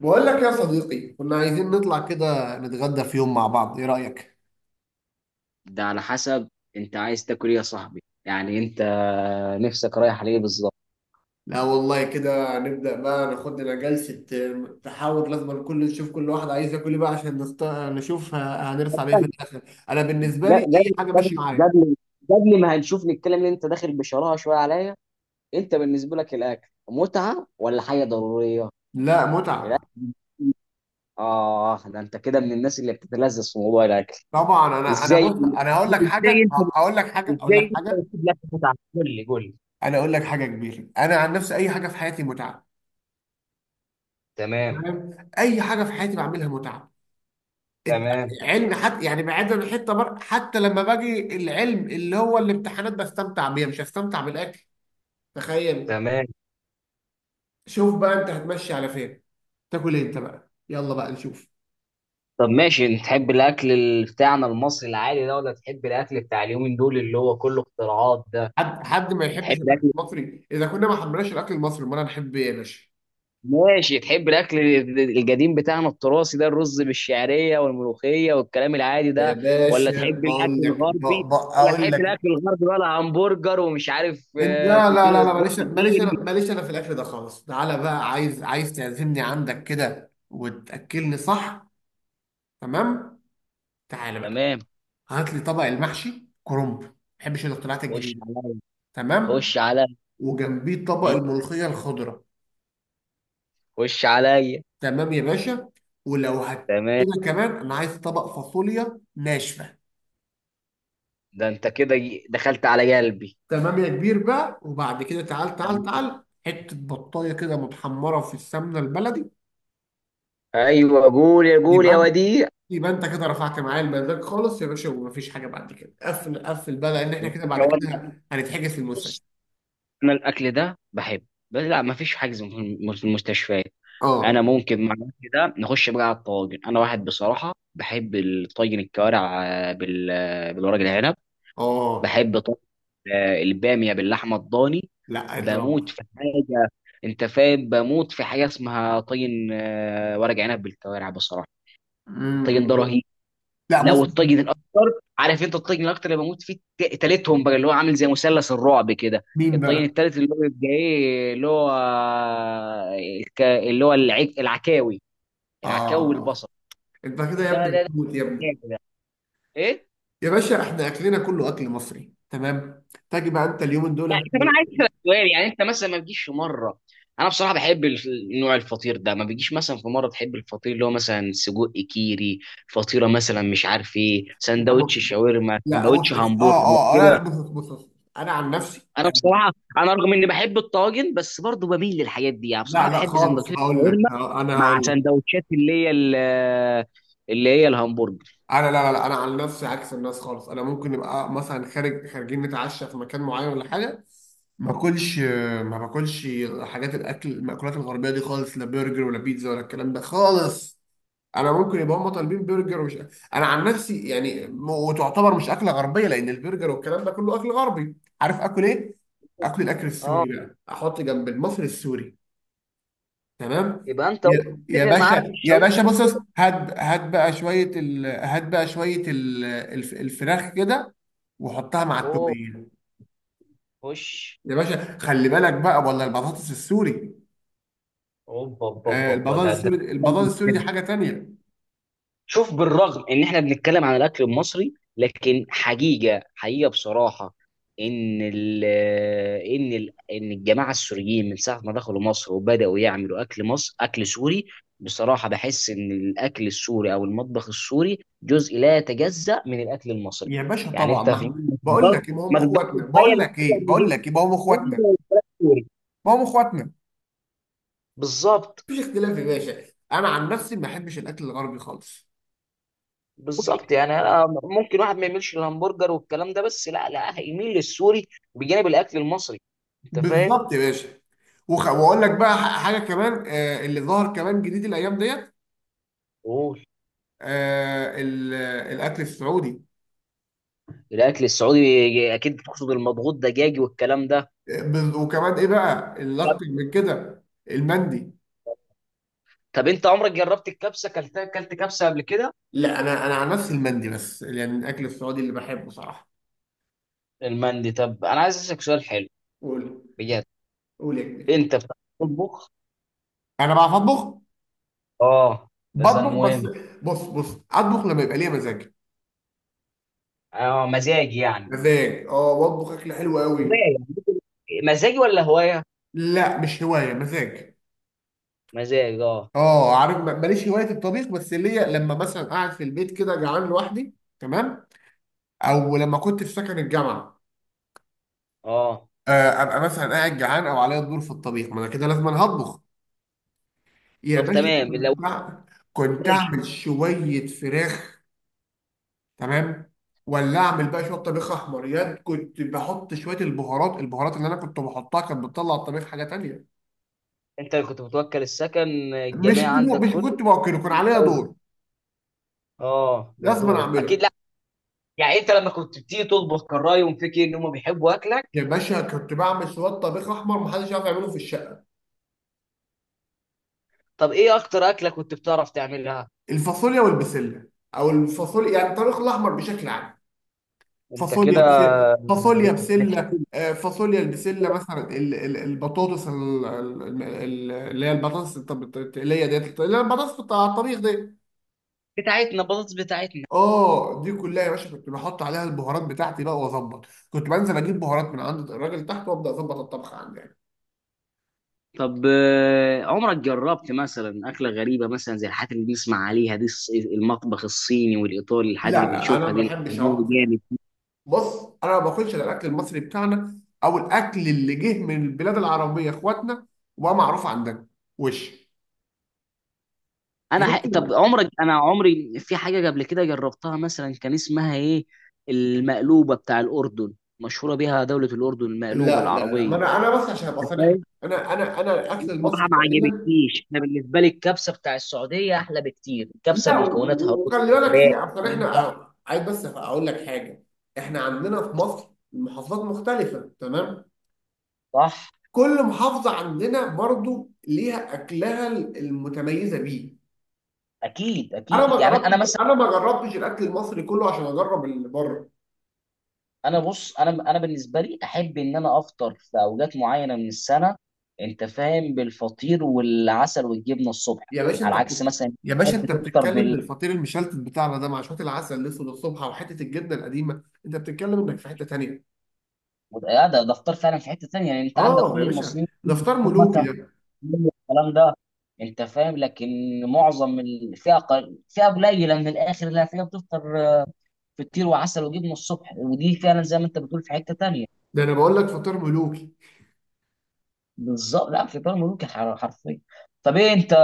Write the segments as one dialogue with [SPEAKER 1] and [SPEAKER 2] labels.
[SPEAKER 1] بقول لك يا صديقي، كنا عايزين نطلع كده نتغدى في يوم مع بعض، ايه رأيك؟
[SPEAKER 2] ده على حسب. انت عايز تاكل ايه يا صاحبي؟ يعني انت نفسك رايح ليه بالظبط؟
[SPEAKER 1] لا والله كده نبدأ بقى، ناخد لنا جلسة تحاور، لازم كل نشوف كل واحد عايز ياكل ايه بقى عشان نشوف هنرسى على ايه في
[SPEAKER 2] قبل
[SPEAKER 1] الآخر. انا بالنسبة لي اي حاجة ماشية
[SPEAKER 2] قبل
[SPEAKER 1] معايا.
[SPEAKER 2] قبل قبل ما هنشوف نتكلم ان انت داخل بشراهه شويه عليا. انت بالنسبه لك الاكل متعه ولا حاجه ضروريه؟
[SPEAKER 1] لا،
[SPEAKER 2] الاكل.
[SPEAKER 1] متعة.
[SPEAKER 2] اه، ده انت كده من الناس اللي بتتلذذ في موضوع الاكل.
[SPEAKER 1] طبعا، انا
[SPEAKER 2] ازاي
[SPEAKER 1] بص، انا هقول لك
[SPEAKER 2] ازاي
[SPEAKER 1] حاجة،
[SPEAKER 2] انت
[SPEAKER 1] اقول لك حاجة، اقول
[SPEAKER 2] ازاي
[SPEAKER 1] لك
[SPEAKER 2] انت
[SPEAKER 1] حاجة.
[SPEAKER 2] بتسيب لك متعه؟ قول لي قول لي.
[SPEAKER 1] انا اقول لك حاجة كبيرة، انا عن نفسي اي حاجة في حياتي متعة.
[SPEAKER 2] تمام،
[SPEAKER 1] تمام؟ اي حاجة في حياتي بعملها متعة.
[SPEAKER 2] تمام،
[SPEAKER 1] العلم حتى، يعني بعيدا عن حتى لما باجي العلم اللي هو الامتحانات بستمتع بيها، مش هستمتع بالاكل. تخيل.
[SPEAKER 2] تمام.
[SPEAKER 1] شوف بقى انت هتمشي على فين، تاكل ايه انت بقى، يلا بقى نشوف.
[SPEAKER 2] طب ماشي، انت تحب الاكل بتاعنا المصري العادي ده ولا تحب الاكل بتاع اليومين دول اللي هو كله اختراعات ده؟
[SPEAKER 1] حد ما يحبش
[SPEAKER 2] تحب
[SPEAKER 1] الاكل
[SPEAKER 2] الاكل
[SPEAKER 1] المصري؟ اذا كنا ما حبيناش الاكل المصري امال هنحب ايه يا باشا؟
[SPEAKER 2] ماشي تحب الاكل القديم بتاعنا التراثي ده، الرز بالشعريه والملوخيه والكلام العادي
[SPEAKER 1] يا
[SPEAKER 2] ده؟ ولا
[SPEAKER 1] باشا
[SPEAKER 2] تحب الاكل
[SPEAKER 1] بقول لك،
[SPEAKER 2] الغربي ولا
[SPEAKER 1] اقول
[SPEAKER 2] تحب
[SPEAKER 1] لك.
[SPEAKER 2] الاكل الغربي بقى، همبرجر ومش عارف
[SPEAKER 1] لا لا لا
[SPEAKER 2] فطير
[SPEAKER 1] لا
[SPEAKER 2] سجق
[SPEAKER 1] ماليش، انا
[SPEAKER 2] كيري؟
[SPEAKER 1] ماليش انا في الاكل ده خالص. تعالى بقى، عايز تعزمني عندك كده وتاكلني، صح؟ تمام. تعالى بقى،
[SPEAKER 2] تمام،
[SPEAKER 1] هات لي طبق المحشي كرنب، ما بحبش الاختراعات
[SPEAKER 2] خش
[SPEAKER 1] الجديده.
[SPEAKER 2] عليا،
[SPEAKER 1] تمام،
[SPEAKER 2] خش عليا،
[SPEAKER 1] وجنبيه طبق
[SPEAKER 2] م،
[SPEAKER 1] الملوخيه الخضراء.
[SPEAKER 2] خش عليا.
[SPEAKER 1] تمام يا باشا. ولو هت
[SPEAKER 2] تمام،
[SPEAKER 1] كده كمان انا عايز طبق فاصوليا ناشفه.
[SPEAKER 2] ده انت كده دخلت على قلبي.
[SPEAKER 1] تمام يا كبير بقى، وبعد كده، تعال تعال
[SPEAKER 2] تمام.
[SPEAKER 1] تعال حته بطايه كده متحمره في السمنه البلدي.
[SPEAKER 2] ايوه، قول يا قول
[SPEAKER 1] يبقى
[SPEAKER 2] يا
[SPEAKER 1] انت،
[SPEAKER 2] وديع.
[SPEAKER 1] يبقى انت كده رفعت معايا المزاج خالص يا باشا، ومفيش حاجه بعد كده، قفل بقى، لان احنا كده
[SPEAKER 2] يا
[SPEAKER 1] بعد
[SPEAKER 2] والله.
[SPEAKER 1] كده هنتحجز في
[SPEAKER 2] بص،
[SPEAKER 1] المستشفى.
[SPEAKER 2] انا الاكل ده بحبه بس لا، ما فيش حجز في في المستشفيات.
[SPEAKER 1] اه.
[SPEAKER 2] انا ممكن مع الاكل ده نخش بقى على الطواجن. انا واحد بصراحه بحب الطاجن الكوارع، بالورق العنب.
[SPEAKER 1] اه.
[SPEAKER 2] بحب طاجن الباميه باللحمه الضاني.
[SPEAKER 1] لا،
[SPEAKER 2] بموت
[SPEAKER 1] اضرب.
[SPEAKER 2] في حاجه، انت فاهم؟ بموت في حاجه اسمها طاجن ورق عنب بالكوارع بصراحه. الطاجن ده رهيب.
[SPEAKER 1] لا بص.
[SPEAKER 2] لو الطاجن الاكتر، عارف انت الطاجن الاكتر اللي بموت فيه تالتهم بقى، اللي هو عامل زي مثلث الرعب كده.
[SPEAKER 1] مين
[SPEAKER 2] الطاجن
[SPEAKER 1] بقى؟
[SPEAKER 2] التالت اللي هو بيبقى ايه؟ اللي هو اللي هو العكاوي. العكاوي
[SPEAKER 1] آه.
[SPEAKER 2] بالبصل.
[SPEAKER 1] أنت كده يا
[SPEAKER 2] ده
[SPEAKER 1] ابني
[SPEAKER 2] ده
[SPEAKER 1] بتموت يا
[SPEAKER 2] ده
[SPEAKER 1] ابني.
[SPEAKER 2] ده ايه؟
[SPEAKER 1] يا باشا إحنا أكلنا كله أكل مصري، تمام، تاجي بقى أنت اليومين دول.
[SPEAKER 2] لا، طب انا عايز اسالك سؤال، يعني انت مثلا ما بتجيش في مره؟ انا بصراحه بحب نوع الفطير ده، ما بيجيش مثلا في مره تحب الفطير اللي هو مثلا سجق كيري؟ فطيره مثلا، مش عارف ايه،
[SPEAKER 1] لا بص
[SPEAKER 2] سندوتش
[SPEAKER 1] بص.
[SPEAKER 2] شاورما،
[SPEAKER 1] لا بص
[SPEAKER 2] سندوتش
[SPEAKER 1] بص.
[SPEAKER 2] همبرجر
[SPEAKER 1] لا،
[SPEAKER 2] كده؟
[SPEAKER 1] بص بص. أنا عن نفسي،
[SPEAKER 2] انا بصراحه رغم اني بحب الطواجن بس برضو بميل للحاجات دي، يعني
[SPEAKER 1] لا
[SPEAKER 2] بصراحه
[SPEAKER 1] لا
[SPEAKER 2] بحب
[SPEAKER 1] خالص
[SPEAKER 2] سندوتشات
[SPEAKER 1] هقول لك،
[SPEAKER 2] الشاورما،
[SPEAKER 1] أنا
[SPEAKER 2] مع
[SPEAKER 1] هقول لك.
[SPEAKER 2] سندوتشات اللي هي اللي هي الهمبرجر.
[SPEAKER 1] أنا لا، أنا عن نفسي عكس الناس خالص. أنا ممكن نبقى مثلا خارج، خارجين نتعشى في مكان معين ولا حاجة، ما باكلش، ما باكلش حاجات الأكل، المأكولات الغربية دي خالص، لا برجر ولا بيتزا ولا الكلام ده خالص. انا ممكن يبقى هم طالبين برجر ومش، انا عن نفسي يعني، وتعتبر مش اكله غربيه، لان البرجر والكلام ده كله اكل غربي. عارف اكل ايه؟ اكل، الاكل
[SPEAKER 2] اه،
[SPEAKER 1] السوري بقى، احط جنب المصري السوري. تمام.
[SPEAKER 2] يبقى انت قلت
[SPEAKER 1] يا يا
[SPEAKER 2] تتفق معايا في
[SPEAKER 1] باشا يا
[SPEAKER 2] الشاورما.
[SPEAKER 1] باشا، بص بص، هات بقى شويه هات بقى شويه الفراخ كده، وحطها مع
[SPEAKER 2] اوه،
[SPEAKER 1] التوميه.
[SPEAKER 2] خش.
[SPEAKER 1] يا باشا خلي بالك بقى، ولا البطاطس السوري.
[SPEAKER 2] اوبا اوبا
[SPEAKER 1] آه،
[SPEAKER 2] اوبا. ده
[SPEAKER 1] البطاطس
[SPEAKER 2] ده
[SPEAKER 1] السوري، البطاطس السوري دي حاجه تانيه.
[SPEAKER 2] شوف، بالرغم ان احنا بنتكلم عن الاكل المصري لكن حقيقه حقيقه بصراحه، ان ال ان الجماعه السوريين من ساعه ما دخلوا مصر وبداوا يعملوا اكل مصر اكل سوري. بصراحه بحس ان الاكل السوري او المطبخ السوري جزء لا يتجزأ من الاكل المصري.
[SPEAKER 1] يا باشا
[SPEAKER 2] يعني
[SPEAKER 1] طبعا،
[SPEAKER 2] انت
[SPEAKER 1] ما
[SPEAKER 2] في،
[SPEAKER 1] احنا
[SPEAKER 2] ما
[SPEAKER 1] بقول
[SPEAKER 2] تقدرش
[SPEAKER 1] لك ايه، ما هم
[SPEAKER 2] ما تقدرش
[SPEAKER 1] اخواتنا،
[SPEAKER 2] تتخيل
[SPEAKER 1] بقول
[SPEAKER 2] إن
[SPEAKER 1] لك
[SPEAKER 2] إحنا
[SPEAKER 1] ايه، بقول
[SPEAKER 2] بنجيب
[SPEAKER 1] لك ايه، ما هم
[SPEAKER 2] سوري
[SPEAKER 1] اخواتنا.
[SPEAKER 2] والفراخ سوري.
[SPEAKER 1] ما هم اخواتنا،
[SPEAKER 2] بالظبط.
[SPEAKER 1] مفيش اختلاف يا باشا. انا عن نفسي ما بحبش الاكل الغربي خالص.
[SPEAKER 2] بالظبط يعني انا ممكن واحد ما يميلش للهمبرجر والكلام ده بس لا، لا هيميل للسوري، بجانب الاكل المصري. انت فاهم؟
[SPEAKER 1] بالظبط يا باشا. واقول لك بقى، حاجه كمان، آه اللي ظهر كمان جديد الايام ديت.
[SPEAKER 2] قول.
[SPEAKER 1] آه الاكل السعودي.
[SPEAKER 2] الاكل السعودي، اكيد بتقصد المضغوط دجاجي والكلام ده.
[SPEAKER 1] وكمان ايه بقى اللي
[SPEAKER 2] طب
[SPEAKER 1] اكتر من كده؟ المندي.
[SPEAKER 2] طب انت عمرك جربت الكبسه؟ اكلتها؟ اكلت كبسه قبل كده؟
[SPEAKER 1] لا، انا عن نفسي المندي بس يعني الاكل السعودي اللي بحبه صراحه.
[SPEAKER 2] المندي. طب انا عايز اسالك سؤال حلو،
[SPEAKER 1] قول.
[SPEAKER 2] بجد.
[SPEAKER 1] قول يا كبير.
[SPEAKER 2] انت بتعرف تطبخ؟
[SPEAKER 1] انا بعرف اطبخ.
[SPEAKER 2] اه، بس
[SPEAKER 1] بطبخ بس،
[SPEAKER 2] المهم.
[SPEAKER 1] بص بص، اطبخ لما يبقى ليا مزاج.
[SPEAKER 2] اه، مزاج يعني.
[SPEAKER 1] مزاج، اه، واطبخ اكل حلو
[SPEAKER 2] هوايه
[SPEAKER 1] قوي.
[SPEAKER 2] يعني. مزاجي ولا هوايه؟
[SPEAKER 1] لا، مش هوايه، مزاج.
[SPEAKER 2] مزاج، اه.
[SPEAKER 1] اه، عارف، ماليش هوايه الطبيخ، بس ليا لما مثلا قاعد في البيت كده جعان لوحدي، تمام، او لما كنت في سكن الجامعه،
[SPEAKER 2] اه،
[SPEAKER 1] ابقى مثلا قاعد جعان، او عليا الدور في الطبيخ، ما انا كده لازم أنا هطبخ. يا
[SPEAKER 2] طب
[SPEAKER 1] باشا
[SPEAKER 2] تمام لو.
[SPEAKER 1] كنت كنت
[SPEAKER 2] ماشي،
[SPEAKER 1] اعمل شويه فراخ، تمام، ولا اعمل بقى شويه طبيخ احمر. ياد كنت بحط شويه البهارات، البهارات اللي انا كنت بحطها كانت بتطلع الطبيخ حاجه تانية.
[SPEAKER 2] انت اللي كنت متوكل السكن
[SPEAKER 1] مش
[SPEAKER 2] الجميع
[SPEAKER 1] منو
[SPEAKER 2] عندك
[SPEAKER 1] مش
[SPEAKER 2] كله؟
[SPEAKER 1] كنت باكله، كان عليا
[SPEAKER 2] بتدور.
[SPEAKER 1] دور،
[SPEAKER 2] اه،
[SPEAKER 1] لازم أنا
[SPEAKER 2] بتدور اكيد.
[SPEAKER 1] اعمله.
[SPEAKER 2] لا. يعني انت لما كنت بتيجي تطبخ كان رايهم فيك إيه؟ ان هم بيحبوا اكلك؟
[SPEAKER 1] يا باشا كنت بعمل شويه طبيخ احمر محدش يعرف يعمله في الشقه.
[SPEAKER 2] طب ايه اكتر اكله كنت بتعرف تعملها؟
[SPEAKER 1] الفاصوليا والبسله، او الفاصوليا، يعني الطبيخ الاحمر بشكل عام.
[SPEAKER 2] انت
[SPEAKER 1] فاصوليا
[SPEAKER 2] كده
[SPEAKER 1] بسله، فاصوليا بسله،
[SPEAKER 2] بتحب.
[SPEAKER 1] فاصوليا البسله، مثلا البطاطس، اللي هي البطاطس، التقليه ديت، اللي هي البطاطس بتاع الطبيخ ديت.
[SPEAKER 2] بتاعتنا، بطاطس بتاعتنا.
[SPEAKER 1] اه دي كلها يا باشا كنت بحط عليها البهارات بتاعتي بقى واظبط، كنت بنزل اجيب بهارات من عند الراجل تحت وابدا اظبط الطبخ عندي يعني.
[SPEAKER 2] طب عمرك جربت مثلا أكلة غريبة، مثلا زي الحاجات اللي بنسمع عليها دي، المطبخ الصيني والإيطالي،
[SPEAKER 1] لا
[SPEAKER 2] الحاجات اللي
[SPEAKER 1] لا انا
[SPEAKER 2] بنشوفها
[SPEAKER 1] ما
[SPEAKER 2] دي؟
[SPEAKER 1] بحبش
[SPEAKER 2] لا.
[SPEAKER 1] اوقف الاكل.
[SPEAKER 2] جامد.
[SPEAKER 1] بص، انا ما باكلش الا الاكل المصري بتاعنا، او الاكل اللي جه من البلاد العربيه، اخواتنا، وبقى معروف عندنا. وش غير كده
[SPEAKER 2] طب
[SPEAKER 1] لا.
[SPEAKER 2] عمرك، انا عمري في حاجه قبل كده جربتها مثلا كان اسمها ايه؟ المقلوبه بتاع الاردن، مشهوره بيها دوله الاردن، المقلوبه
[SPEAKER 1] لا، ما
[SPEAKER 2] العربيه.
[SPEAKER 1] انا بس عشان ابقى
[SPEAKER 2] انت
[SPEAKER 1] صريح معاك.
[SPEAKER 2] فاهم،
[SPEAKER 1] انا الاكل
[SPEAKER 2] بصراحه
[SPEAKER 1] المصري
[SPEAKER 2] ما
[SPEAKER 1] تقريبا.
[SPEAKER 2] عجبتنيش. انا بالنسبه لي الكبسه بتاع السعوديه احلى بكتير، الكبسه
[SPEAKER 1] لا،
[SPEAKER 2] بمكوناتها: رز،
[SPEAKER 1] وخلي بالك،
[SPEAKER 2] فراخ،
[SPEAKER 1] في اصل
[SPEAKER 2] كبدة،
[SPEAKER 1] احنا، عايز بس اقول لك حاجه، احنا عندنا في مصر محافظات مختلفه، تمام،
[SPEAKER 2] صح.
[SPEAKER 1] كل محافظة عندنا برضو ليها أكلها المتميزة بيه.
[SPEAKER 2] اكيد
[SPEAKER 1] أنا
[SPEAKER 2] اكيد
[SPEAKER 1] ما
[SPEAKER 2] يعني انا
[SPEAKER 1] جربتش،
[SPEAKER 2] مثلا.
[SPEAKER 1] أنا ما جربتش الأكل المصري كله عشان أجرب اللي بره.
[SPEAKER 2] انا بص، انا بالنسبه لي احب ان انا افطر في اوقات معينه من السنه. انت فاهم، بالفطير والعسل والجبنه الصبح.
[SPEAKER 1] يا باشا أنت
[SPEAKER 2] على عكس
[SPEAKER 1] بتتكلم،
[SPEAKER 2] مثلا،
[SPEAKER 1] يا باشا
[SPEAKER 2] تحب
[SPEAKER 1] أنت
[SPEAKER 2] تفطر؟
[SPEAKER 1] بتتكلم، إن الفطير المشلتت بتاعنا ده مع شوية العسل الأسود الصبح، وحتة الجبنة القديمة، أنت بتتكلم إنك في حتة تانية.
[SPEAKER 2] ده فطار فعلا في حته ثانيه، يعني انت عندك
[SPEAKER 1] آه يا
[SPEAKER 2] كل
[SPEAKER 1] باشا،
[SPEAKER 2] المصريين
[SPEAKER 1] ده فطار ملوكي
[SPEAKER 2] مثلا
[SPEAKER 1] ده.
[SPEAKER 2] في الكلام ده، انت فاهم؟ لكن معظم فئه، فئه قليله من الاخر اللي هتلاقيها بتفطر فطير وعسل وجبنه الصبح، ودي فعلا زي ما انت بتقول في حته ثانيه.
[SPEAKER 1] ده أنا بقول لك فطار ملوكي.
[SPEAKER 2] بالظبط. لا فطار ملوكي حرفيا. طب، ايه انت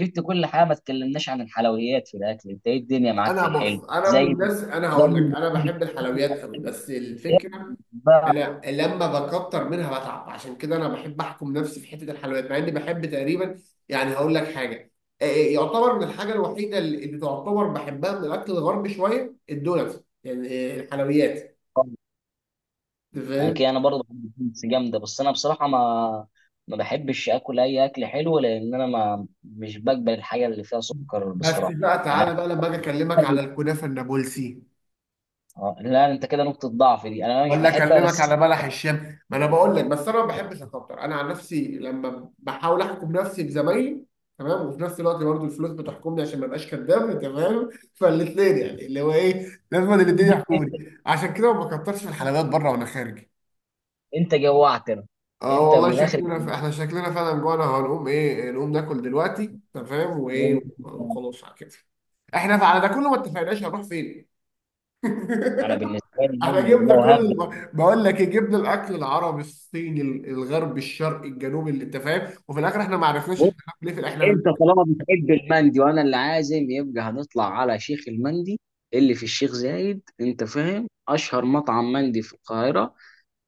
[SPEAKER 2] جبت كل حاجه ما تكلمناش عن الحلويات في الاكل. انت ايه الدنيا معاك في
[SPEAKER 1] أنا
[SPEAKER 2] الحلو؟
[SPEAKER 1] بص، أنا من
[SPEAKER 2] زي
[SPEAKER 1] الناس، أنا هقول لك، أنا بحب الحلويات قوي، بس الفكرة
[SPEAKER 2] زي
[SPEAKER 1] انا لما بكتر منها بتعب، عشان كده انا بحب احكم نفسي في حته الحلويات، مع اني بحب تقريبا، يعني هقول لك حاجه، يعتبر من الحاجه الوحيده اللي تعتبر بحبها من الاكل الغربي شويه الدونتس يعني، الحلويات. أنت فاهم.
[SPEAKER 2] اكيد انا برضه بحب البيتزا جامده بس انا بصراحه ما بحبش اكل اي اكل حلو لان انا ما مش بقبل الحاجه اللي فيها سكر
[SPEAKER 1] بس
[SPEAKER 2] بصراحه.
[SPEAKER 1] بقى
[SPEAKER 2] يعني
[SPEAKER 1] تعالى بقى لما اجي اكلمك
[SPEAKER 2] أنا-
[SPEAKER 1] على الكنافه النابلسي،
[SPEAKER 2] لا انت كده نقطه ضعف دي انا مش
[SPEAKER 1] ولا
[SPEAKER 2] بحبها
[SPEAKER 1] اكلمك على
[SPEAKER 2] بس.
[SPEAKER 1] بلح الشام. ما انا بقول لك، بس انا ما بحبش اكتر، انا عن نفسي لما بحاول احكم نفسي بزمايلي، تمام، وفي نفس الوقت برضه الفلوس بتحكمني عشان ما ابقاش كداب، تمام، فالاثنين يعني اللي هو ايه، لازم الاثنين يحكوني، عشان كده ما بكترش في الحلويات بره وانا خارج.
[SPEAKER 2] انت جوعتنا.
[SPEAKER 1] اه
[SPEAKER 2] انت
[SPEAKER 1] والله
[SPEAKER 2] من الاخر.
[SPEAKER 1] شكلنا احنا شكلنا فعلا جوعنا، هنقوم ايه؟ نقوم ناكل دلوقتي، تمام، وايه وخلاص على كده. احنا على ده كله ما اتفقناش هنروح فين.
[SPEAKER 2] انا بالنسبه لي
[SPEAKER 1] احنا
[SPEAKER 2] لو،
[SPEAKER 1] جبنا
[SPEAKER 2] هبدا.
[SPEAKER 1] كل، بقول لك إيه، جبنا الاكل العربي، الصيني، الغربي، الشرقي، الجنوبي، اللي انت فاهم، وفي الاخر احنا ما عرفناش
[SPEAKER 2] بص،
[SPEAKER 1] احنا هناكل ايه في الاخر. احنا
[SPEAKER 2] انت
[SPEAKER 1] هناكل-
[SPEAKER 2] طالما بتحب المندي وانا اللي عازم، يبقى هنطلع على شيخ المندي اللي في الشيخ زايد، انت فاهم؟ اشهر مطعم مندي في القاهره.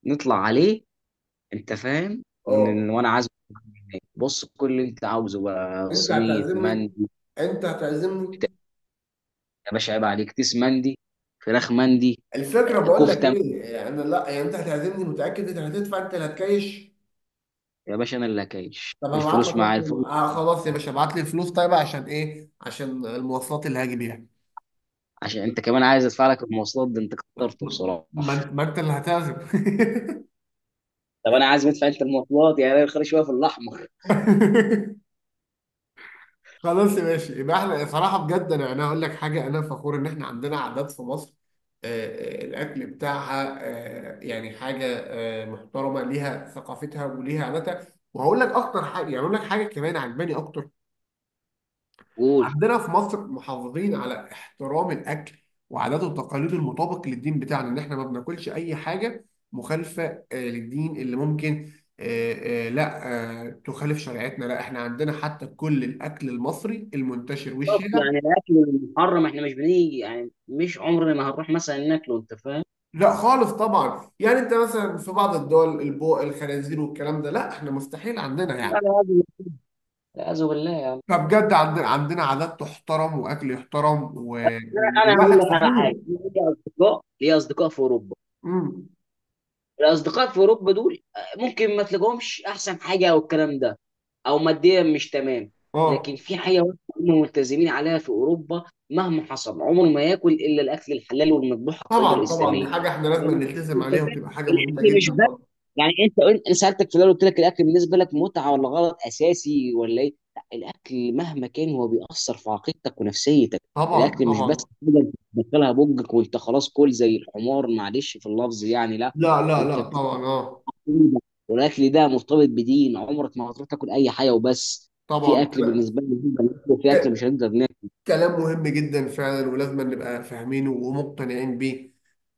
[SPEAKER 2] نطلع عليه، انت فاهم؟
[SPEAKER 1] اه.
[SPEAKER 2] وانا عازمك هناك. بص، كل اللي انت عاوزه بقى:
[SPEAKER 1] انت
[SPEAKER 2] صينيه
[SPEAKER 1] هتعزمني؟
[SPEAKER 2] مندي،
[SPEAKER 1] انت هتعزمني؟
[SPEAKER 2] يا باشا عيب عليك، كيس مندي، فراخ مندي،
[SPEAKER 1] الفكره بقول لك
[SPEAKER 2] كفته مندي.
[SPEAKER 1] ايه، انا لا يعني انت هتعزمني؟ متاكد انت هتدفع؟ انت اللي هتكايش؟
[SPEAKER 2] يا باشا انا اللي هكايش،
[SPEAKER 1] طب هبعت لك
[SPEAKER 2] الفلوس معايا.
[SPEAKER 1] رقم،
[SPEAKER 2] الفلوس
[SPEAKER 1] آه خلاص يا باشا، ابعت لي الفلوس طيب عشان ايه؟ عشان المواصلات اللي هاجي بيها.
[SPEAKER 2] عشان انت كمان عايز ادفع لك المواصلات؟ ده انت كترته بصراحه.
[SPEAKER 1] ما انت، ما انت اللي هتعزم.
[SPEAKER 2] طب انا عايز ادفع انت المواصلات، يعني انا خلي شويه في الاحمر.
[SPEAKER 1] خلاص يا ماشي، يبقى احنا صراحة بجد، انا هقول لك حاجة، انا فخور ان احنا عندنا عادات في مصر، الاكل بتاعها، يعني حاجة محترمة ليها ثقافتها وليها عاداتها. وهقول لك اكتر حاجة يعني، اقول لك حاجة كمان عجباني اكتر.
[SPEAKER 2] قول.
[SPEAKER 1] عندنا في مصر محافظين على احترام الاكل وعاداته وتقاليده المطابق للدين بتاعنا، ان احنا ما بناكلش اي حاجة مخالفة للدين، اللي ممكن، آه، آه، لا آه، تخالف شريعتنا. لا احنا عندنا حتى كل الاكل المصري المنتشر
[SPEAKER 2] طب
[SPEAKER 1] والشائع.
[SPEAKER 2] يعني الاكل المحرم، احنا مش بنيجي يعني، مش عمرنا ما هنروح مثلا ناكله، انت فاهم؟
[SPEAKER 1] لا خالص طبعا، يعني انت مثلا في بعض الدول البوق الخنازير والكلام ده، لا احنا مستحيل عندنا
[SPEAKER 2] انا
[SPEAKER 1] يعني.
[SPEAKER 2] عايز، لا أعوذ بالله يا عم.
[SPEAKER 1] فبجد، عندنا عادات تحترم، واكل يحترم، و-
[SPEAKER 2] انا هقول
[SPEAKER 1] والواحد
[SPEAKER 2] لك على حاجه.
[SPEAKER 1] فخور.
[SPEAKER 2] ليا اصدقاء في اوروبا.
[SPEAKER 1] امم.
[SPEAKER 2] الاصدقاء في اوروبا دول ممكن ما تلاقوهمش احسن حاجه، او الكلام ده، او ماديا مش تمام. لكن
[SPEAKER 1] اه.
[SPEAKER 2] في حاجه واحدة هم ملتزمين عليها في اوروبا، مهما حصل عمره ما ياكل الا الاكل الحلال والمذبوح على الطريقه
[SPEAKER 1] طبعا طبعا،
[SPEAKER 2] الاسلاميه.
[SPEAKER 1] دي حاجه احنا لازم
[SPEAKER 2] لأن
[SPEAKER 1] نلتزم
[SPEAKER 2] أنت
[SPEAKER 1] عليها،
[SPEAKER 2] فاهم،
[SPEAKER 1] وتبقى حاجه مهمه
[SPEAKER 2] الاكل مش
[SPEAKER 1] جدا
[SPEAKER 2] بقى
[SPEAKER 1] طبعا.
[SPEAKER 2] يعني. انا سالتك في الاول قلت لك الاكل بالنسبه لك متعه ولا غلط اساسي ولا ايه. لا، الاكل مهما كان هو بيأثر في عقيدتك ونفسيتك.
[SPEAKER 1] طبعا
[SPEAKER 2] الاكل مش بس
[SPEAKER 1] طبعا.
[SPEAKER 2] حاجه أنت بتدخلها بوجك وانت خلاص كل زي الحمار، معلش في اللفظ، يعني لا.
[SPEAKER 1] لا لا
[SPEAKER 2] انت.
[SPEAKER 1] لا طبعا، اه
[SPEAKER 2] والاكل ده مرتبط بدين، عمرك ما هتروح تاكل اي حاجه وبس. في
[SPEAKER 1] طبعا.
[SPEAKER 2] اكل بالنسبه لي نقدر ناكله وفي اكل
[SPEAKER 1] ك-
[SPEAKER 2] مش هنقدر ناكله.
[SPEAKER 1] كلام مهم جدا فعلا، ولازم نبقى فاهمينه ومقتنعين بيه،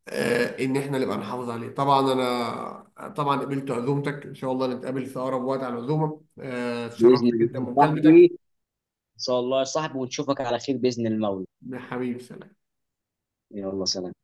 [SPEAKER 1] ان احنا نبقى نحافظ عليه. طبعا، انا طبعا قبلت عزومتك، ان شاء الله نتقابل في اقرب وقت على العزومه. اتشرفت
[SPEAKER 2] باذن الله
[SPEAKER 1] جدا
[SPEAKER 2] يا صاحبي،
[SPEAKER 1] بمكالمتك.
[SPEAKER 2] ان شاء الله يا صاحبي، ونشوفك على خير باذن المولى.
[SPEAKER 1] حبيبي سلام.
[SPEAKER 2] يلا، سلام.